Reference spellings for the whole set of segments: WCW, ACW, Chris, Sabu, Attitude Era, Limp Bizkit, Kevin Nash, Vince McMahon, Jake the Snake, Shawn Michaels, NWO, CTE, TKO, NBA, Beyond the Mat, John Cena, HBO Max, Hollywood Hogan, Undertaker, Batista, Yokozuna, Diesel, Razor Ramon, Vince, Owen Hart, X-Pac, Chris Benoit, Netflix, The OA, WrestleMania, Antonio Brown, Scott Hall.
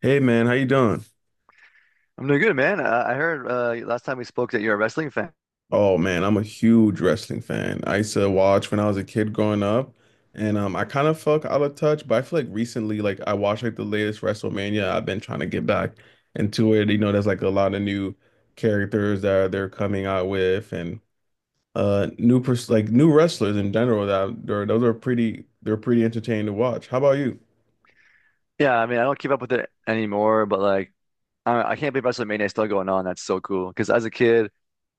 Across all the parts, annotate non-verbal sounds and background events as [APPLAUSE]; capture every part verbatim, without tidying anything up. Hey man, how you doing? I'm doing good, man. Uh, I heard uh, last time we spoke that you're a wrestling fan. Oh man, I'm a huge wrestling fan. I used to watch when I was a kid growing up, and um, I kind of felt out of touch, but I feel like recently, like I watched like the latest WrestleMania. I've been trying to get back into it. You know, there's like a lot of new characters that are- they're coming out with, and uh, new pers like new wrestlers in general. That they're, those are pretty, they're pretty entertaining to watch. How about you? Yeah, I mean, I don't keep up with it anymore, but like, I, I can't believe WrestleMania is still going on. That's so cool. Because as a kid,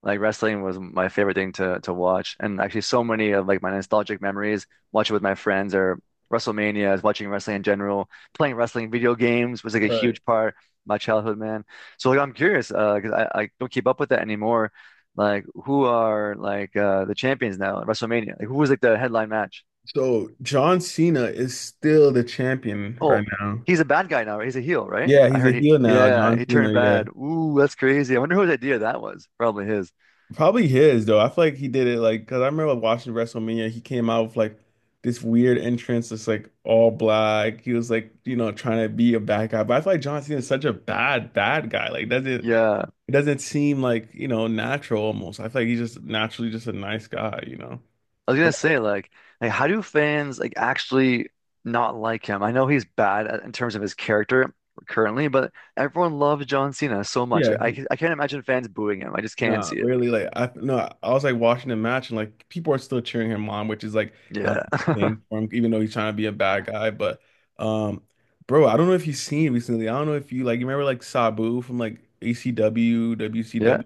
like wrestling was my favorite thing to to watch, and actually, so many of like my nostalgic memories watching with my friends or WrestleMania, is watching wrestling in general, playing wrestling video games was like a Right. huge part of my childhood, man. So like, I'm curious uh, because I, I don't keep up with that anymore. Like, who are like uh, the champions now at WrestleMania? Like, who was like the headline match? So John Cena is still the champion right Oh, now. he's a bad guy now, right? He's a heel, right? Yeah, I he's a heard he, heel now, yeah, John he Cena. turned Yeah. bad. Ooh, that's crazy. I wonder whose idea that was. Probably his. Probably his though. I feel like he did it like because I remember watching WrestleMania. He came out with like this weird entrance, that's like all black. He was like you know trying to be a bad guy, but I feel like John Cena is such a bad bad guy. Like doesn't Yeah. it doesn't seem like you know natural almost. I feel like he's just naturally just a nice guy, you know. I was gonna But say, like, like how do fans like actually not like him? I know he's bad, at- in terms of his character currently, but everyone loves John Cena so much. yeah. Like, I, ca- I can't imagine fans booing him. I just can't No, see it. really, like I no, I was like watching the match and like people are still cheering him on, which is like not Yeah. the thing [LAUGHS] for him, even though he's trying to be a bad guy. But um, bro, I don't know if you've seen recently. I don't know if you like you remember like Sabu from like A C W, Yeah. W C W.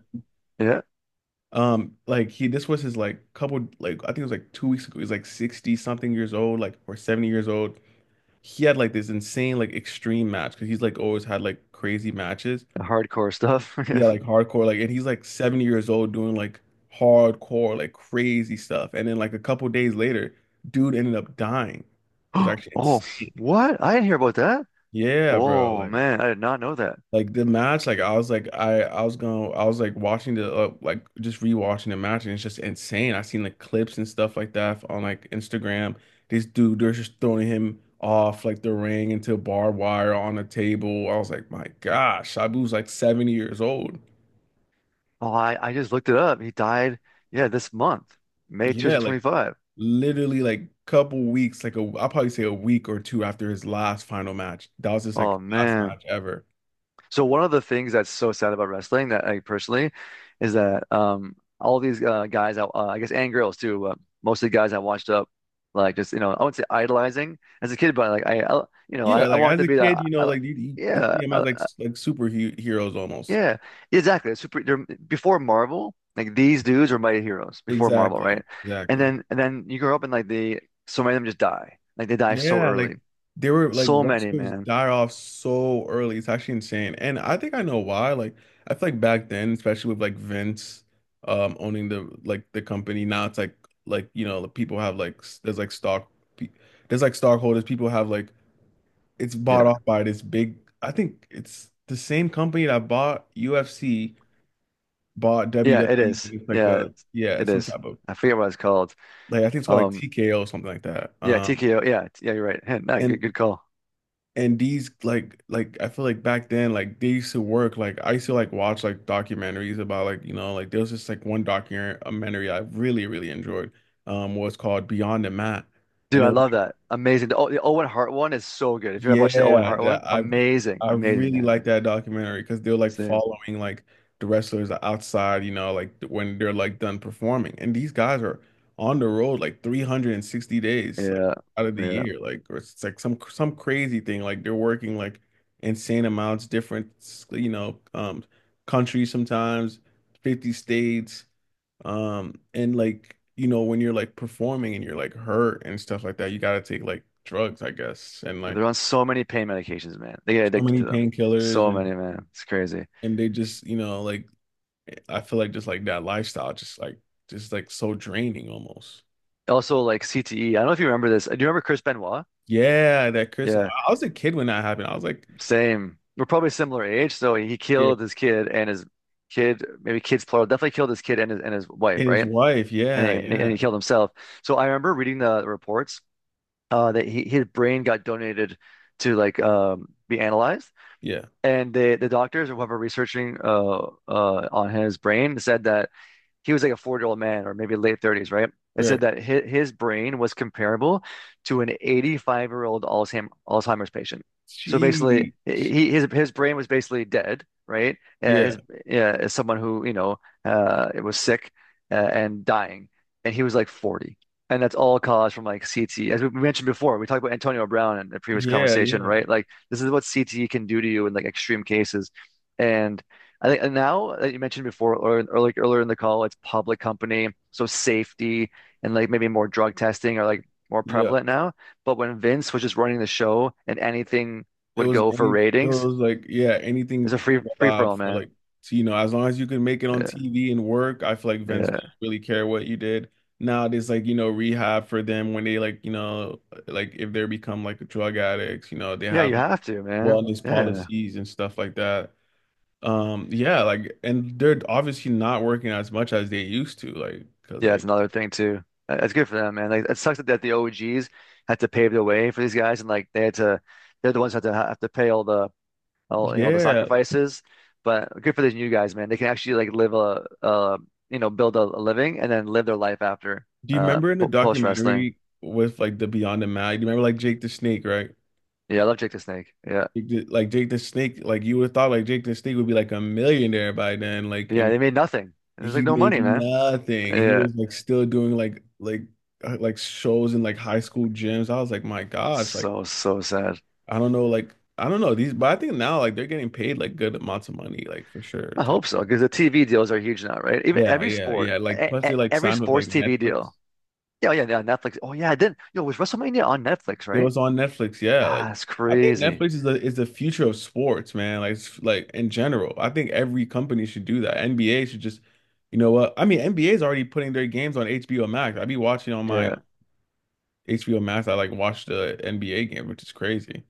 Yeah. Um, like he this was his like couple like I think it was like two weeks ago. He's like sixty something years old, like or seventy years old. He had like this insane like extreme match because he's like always had like crazy matches. Hardcore stuff. [LAUGHS] Yeah. Yeah, like hardcore, like, and he's like seventy years old doing like hardcore, like crazy stuff. And then like a couple days later, dude ended up dying. It was [GASPS] actually Oh, insane. what? I didn't hear about that. Yeah, bro. Oh Like, man, I did not know. like the match, like I was like, I, I was going, I was like watching the, uh, like just rewatching the match, and it's just insane. I seen like clips and stuff like that on like Instagram. This dude, they're just throwing him off like the ring into barbed wire on a table. I was like, my gosh, Sabu's like seventy years old. Oh, I, I just looked it up. He died, yeah, this month, May Yeah, like twenty twenty-five. literally like couple weeks, like a I'll probably say a week or two after his last final match. That was just like Oh his last man. match ever. So one of the things that's so sad about wrestling that I personally is that um all these uh, guys I, uh, I guess and girls too, uh, mostly guys I watched up like just you know I wouldn't say idolizing as a kid, but like I, I you know I, Yeah, I like wanted as to a be kid, that you know, I, I- like you, you, you Yeah. see him as like s- like superheroes almost. Yeah, exactly. Super, they're, before Marvel, like these dudes were mighty heroes before Marvel, Exactly, right? And exactly. then and then you grow up and like they so many of them just die. Like they die so Yeah, early. like they were like So many, wrestlers man. die off so early. It's actually insane, and I think I know why. Like I feel like back then, especially with like Vince, um, owning the like the company. Now it's like like you know the people have like s- there's like stock. pe- There's like stockholders. People have like it's bought Yeah. off by this big, I think it's the same company that bought U F C, bought Yeah, it W W E. is. It's like Yeah, a, yeah, it some is. type of, I forget what it's called. like, I think it's called like Um, T K O or something like that. yeah, Um, T K O. Yeah, yeah, you're right. Heh, nah, good, and, good call. and these like like I feel like back then like they used to work like I used to like watch like documentaries about like you know like there was just like one documentary I really really enjoyed um was called Beyond the Mat, Dude, and it I was. love that. Amazing. The, oh, the Owen Hart one is so good. If you ever watched the Owen Yeah, Hart that one, I amazing, I amazing, really man. like that documentary because they're like Same. following like the wrestlers outside, you know, like when they're like done performing. And these guys are on the road like three hundred sixty days like Yeah, out of the yeah. year. Like or it's like some some crazy thing. Like they're working like insane amounts, different you know, um countries sometimes, fifty states. Um and like you know when you're like performing and you're like hurt and stuff like that, you gotta take like drugs, I guess. And They're like on so many pain medications, man. They get so addicted many to them. painkillers So and many, man. It's crazy. and they just you know like I feel like just like that lifestyle just like just like so draining almost. Also, like C T E. I don't know if you remember this. Do you remember Chris Benoit? Yeah, that Chris. Yeah, I was a kid when that happened. I was like, same. We're probably similar age. So he yeah, killed his kid and his kid, maybe kids plural, definitely killed his kid and his, and his wife, and his right? wife. And he, Yeah, and he and yeah, he killed himself. So I remember reading the reports uh, that he, his brain got donated to like um, be analyzed, yeah. and they, the doctors or whoever researching uh, uh, on his brain said that he was like a forty-year-old man or maybe late thirties, right? It said Right. that his, his brain was comparable to an eighty-five-year-old Alzheimer's patient. So basically, She. he his his brain was basically dead, right? Uh, Yeah, his uh, as someone who, you know, uh, was sick uh, and dying, and he was like forty. And that's all caused from like C T E. As we mentioned before, we talked about Antonio Brown in the previous yeah, conversation, yeah, right? Like this is what C T E can do to you in like extreme cases. And I think now that you mentioned before, or, or like earlier in the call, it's public company, so safety and like maybe more drug testing are like more yeah. prevalent now. But when Vince was just running the show and anything It would was go for any, it ratings, was like, yeah, it's a anything free free for allowed all, for man. like, so, you know, as long as you can make it on Yeah, T V and work, I feel like Vince didn't yeah, really care what you did. Now there's like, you know, rehab for them when they like, you know, like if they become like drug addicts, you know, they yeah. have You like have to, man. wellness Yeah, policies and stuff like that. Um, yeah, like, and they're obviously not working as much as they used to, like, because yeah. It's like, another thing too. Uh, It's good for them, man. Like it sucks that, that the O Gs had to pave the way for these guys, and like they had to, they're the ones that had to have to pay all the all you know the yeah. sacrifices. But good for these new guys, man. They can actually like live a, a you know build a, a living and then live their life after Do you uh remember in the po post wrestling. documentary with like the Beyond the Mat? Do you remember like Jake the Snake, right? Yeah, I love Jake the Snake. Yeah, Jake the- Like Jake the Snake, like you would have thought like Jake the Snake would be like a millionaire by then, like yeah. and They made nothing. There's like he no made money, man. nothing. He Yeah, was like still doing like like uh, like shows in like high school gyms. I was like, my gosh, like so so sad. I don't know, like I don't know these, but I think now like they're getting paid like good amounts of money, like for sure I too. hope so because the T V deals are huge now, right? Even Yeah, every yeah, sport, yeah. Like e plus e- they like every signed with sports like T V Netflix. deal. Yeah, oh yeah, yeah. Netflix. Oh yeah, I did. Yo, was WrestleMania on Netflix, It right? was on Netflix, yeah. Like Ah, it's I think crazy. Netflix is the is the future of sports, man. Like it's- like in general, I think every company should do that. N B A should just, you know what? I mean, N B A is already putting their games on H B O Max. I be watching on my Yeah. H B O Max. I like watch the N B A game, which is crazy.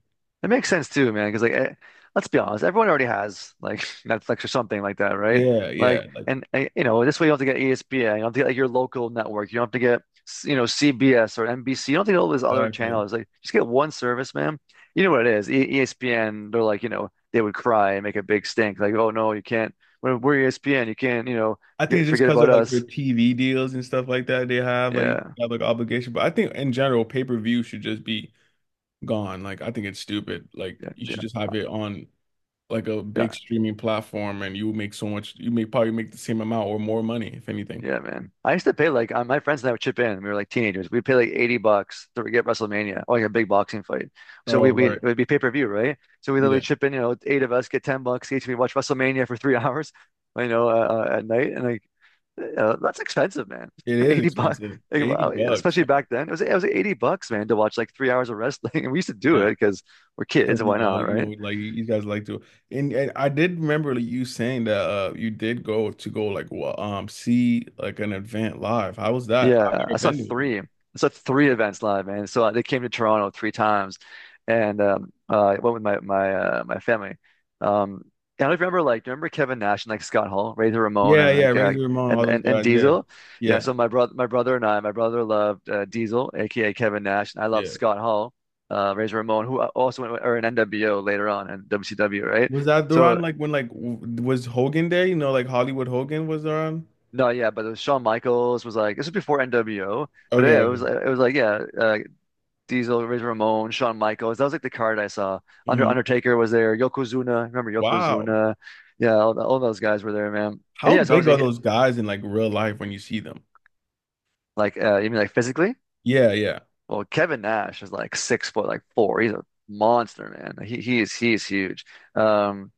It makes sense too, man. Because like, eh, let's be honest, everyone already has like [LAUGHS] Netflix or something like that, right? Yeah, yeah, Like, like and eh, you know, this way you don't have to get E S P N, you don't have to get like your local network, you don't have to get s- you know C B S or N B C, you don't have to get all these other exactly. channels. Like, just get one service, man. You know what it is? E ESPN, they're like, you know, they would cry and make a big stink, like, oh no, you can't. We're, we're E S P N, you can't, you know, I think get, it's just forget because about of like their us. T V deals and stuff like that they have like Yeah, have like obligation. But I think in general, pay-per-view should just be gone. Like I think it's stupid. Like yeah, you should yeah, just have it on like a big yeah. streaming platform and you make so much you may probably make the same amount or more money if anything. Yeah, man. I used to pay like uh, my friends and I would chip in. We were like teenagers. We'd pay like eighty bucks to get WrestleMania, or like a big boxing fight. So Oh, we we it right. would be pay-per-view, right? So we literally Yeah. chip in, you know, eight of us get ten bucks each. We watch WrestleMania for three [LAUGHS] hours, you know, uh, uh, at night. And like uh, that's expensive, man. It [LAUGHS] is eighty bucks. expensive. Like, 80 wow, yeah, bucks, especially man. back then. It was it was like eighty bucks, man, to watch like three hours of wrestling. [LAUGHS] And we used to do Yeah. it because we're kids, Because you why know, not, you right? know, like you guys like to and, and I did remember like, you saying that uh you did go to go like well, um see like an event live. How was that? I've Yeah, I never saw been to one. three. I saw three events live, man. So uh, they came to Toronto three times, and um, uh, I went with my my uh, my family. Um, and I don't remember like, do you remember Kevin Nash and like Scott Hall, Razor Ramon, Yeah, and yeah, like uh, Razor Ramon, all and those and and guys, yeah. Diesel? Yeah. Yeah, So my brother, my brother and I, my brother loved uh, Diesel, aka Kevin Nash, and I loved yeah. Scott Hall, uh, Razor Ramon, who uh, also went with, or an N W O later on and W C W, right? Was that So around like when like w- was Hogan there? You know, like Hollywood Hogan was around? no, yeah, but it was Shawn Michaels, was like this was before N W O. But Okay, yeah, it was okay. it was like yeah, uh, Diesel, Razor Ramon, Shawn Michaels. That was like the card I saw. Under Hmm. Undertaker was there. Yokozuna, remember Wow. Yokozuna? Yeah, all, all those guys were there, man. And How yeah, so I was big are he- those guys in like real life when you see them? like, uh, you mean like physically? Yeah, yeah, Well, Kevin Nash is like six foot, like four. He's a monster, man. He he is he is huge. Um,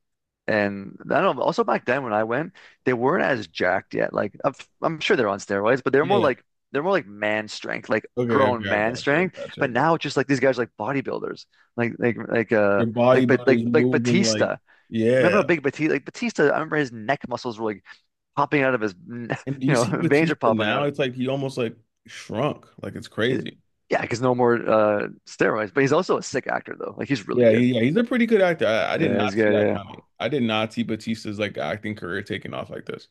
And I don't know, also back then when I went, they weren't as jacked yet. Like I'm, I'm sure they're on steroids, but they're more yeah. like they're more like man strength, like Okay, grown okay, I man gotcha, I strength. gotcha, I But now gotcha. it's just like these guys are like bodybuilders. Like like like uh Your like but bodybuilders like like moving like, Batista. Remember how yeah. big Batista like Batista, I remember his neck muscles were like popping out of his n- And [LAUGHS] do you you know, see veins are Batista popping now? out. It's like he almost like shrunk. Like it's It- crazy. yeah, because no more uh steroids. But he's also a sick actor though. Like he's really Yeah, good. he, yeah, he's a pretty good actor. I, I did Yeah, he's not see good. that Yeah. coming. I did not see Batista's like acting career taking off like this.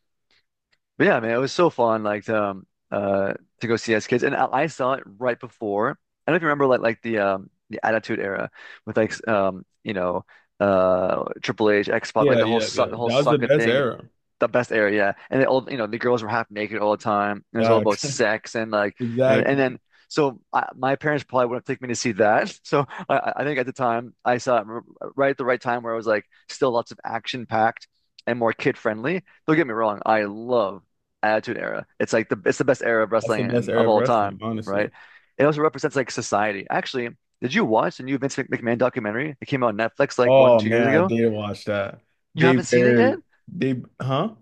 But yeah, man, it was so fun, like to um, uh to go see as kids, and I, I saw it right before. I don't know if you remember, like like the um the Attitude Era with like s- um you know uh Triple H, X-Pac, like Yeah, the whole yeah, suck yeah. the whole That was the sucker best thing, era. the best era, yeah. And they all, you know, the girls were half naked all the time. And it was all about Facts. sex and [LAUGHS] like, and, and Exactly. then, so I, my parents probably wouldn't take me to see that. [LAUGHS] So I, I think at the time I saw it r- right at the right time where it was like still lots of action packed and more kid friendly. Don't get me wrong, I love Attitude Era. It's like the it's the best era of That's the wrestling best and era of of all wrestling, time, honestly. right? It also represents like society. Actually, did you watch the new Vince Mc- McMahon documentary? It came out on Netflix like one, Oh two man, years I ago. did watch that. You They haven't seen it yet? buried they huh?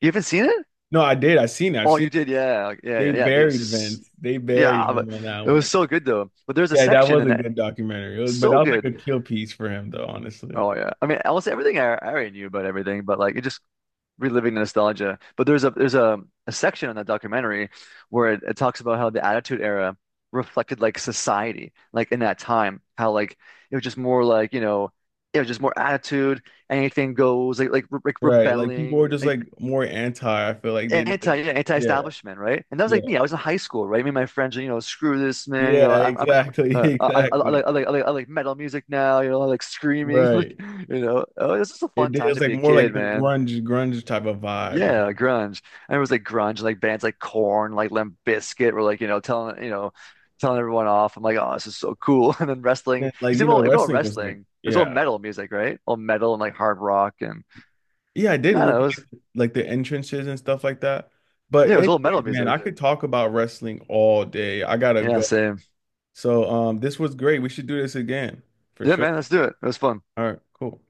You haven't seen it? No, I did. I seen it. I've Oh, seen you it. did, yeah, like, yeah, yeah, They yeah. It buried was, Vince. They buried yeah, him but on that it was one. so good though. But there's a Yeah, that section was in a that. good documentary. It was- but that So was good. like a kill piece for him, though, honestly. Oh yeah, I mean, almost everything I, I already knew about everything, but like it just reliving the nostalgia. But there's a there's a, a section in that documentary where it, it talks about how the Attitude Era reflected like society, like in that time, how like it was just more like you know, it was just more attitude, anything goes, like like re like Right. Like people rebelling, were just like like more anti. I feel like they did anti like, yeah, yeah, anti-establishment, right? And that was yeah, like me. I was in high school, right? Me and my friends, you know, screw this, man. You know, yeah, I'm I'm exactly, [LAUGHS] uh, I, I, I exactly. like I like I like I like metal music now. You know, I like screaming, [LAUGHS] like Right. you know, oh, it's just a It fun did. It time was to like be a more like kid, the man. grunge, grunge type of vibe, you Yeah, know. grunge. And it was like grunge, like bands like Corn, like Limp Bizkit were like you know telling you know telling everyone off. I'm like, oh, this is so cool. [LAUGHS] And then wrestling, And, like, because you even know, all, even all wrestling was like, wrestling, it was all yeah. metal music, right? All metal and like hard rock and, Yeah, I did yeah, with it was like like, the entrances and stuff like that. But yeah, it was anyways, all metal man, music. I could talk about wrestling all day. I gotta Yeah, go. same. So um, this was great. We should do this again for Yeah, sure. man, let's do it. It was fun. All right, cool.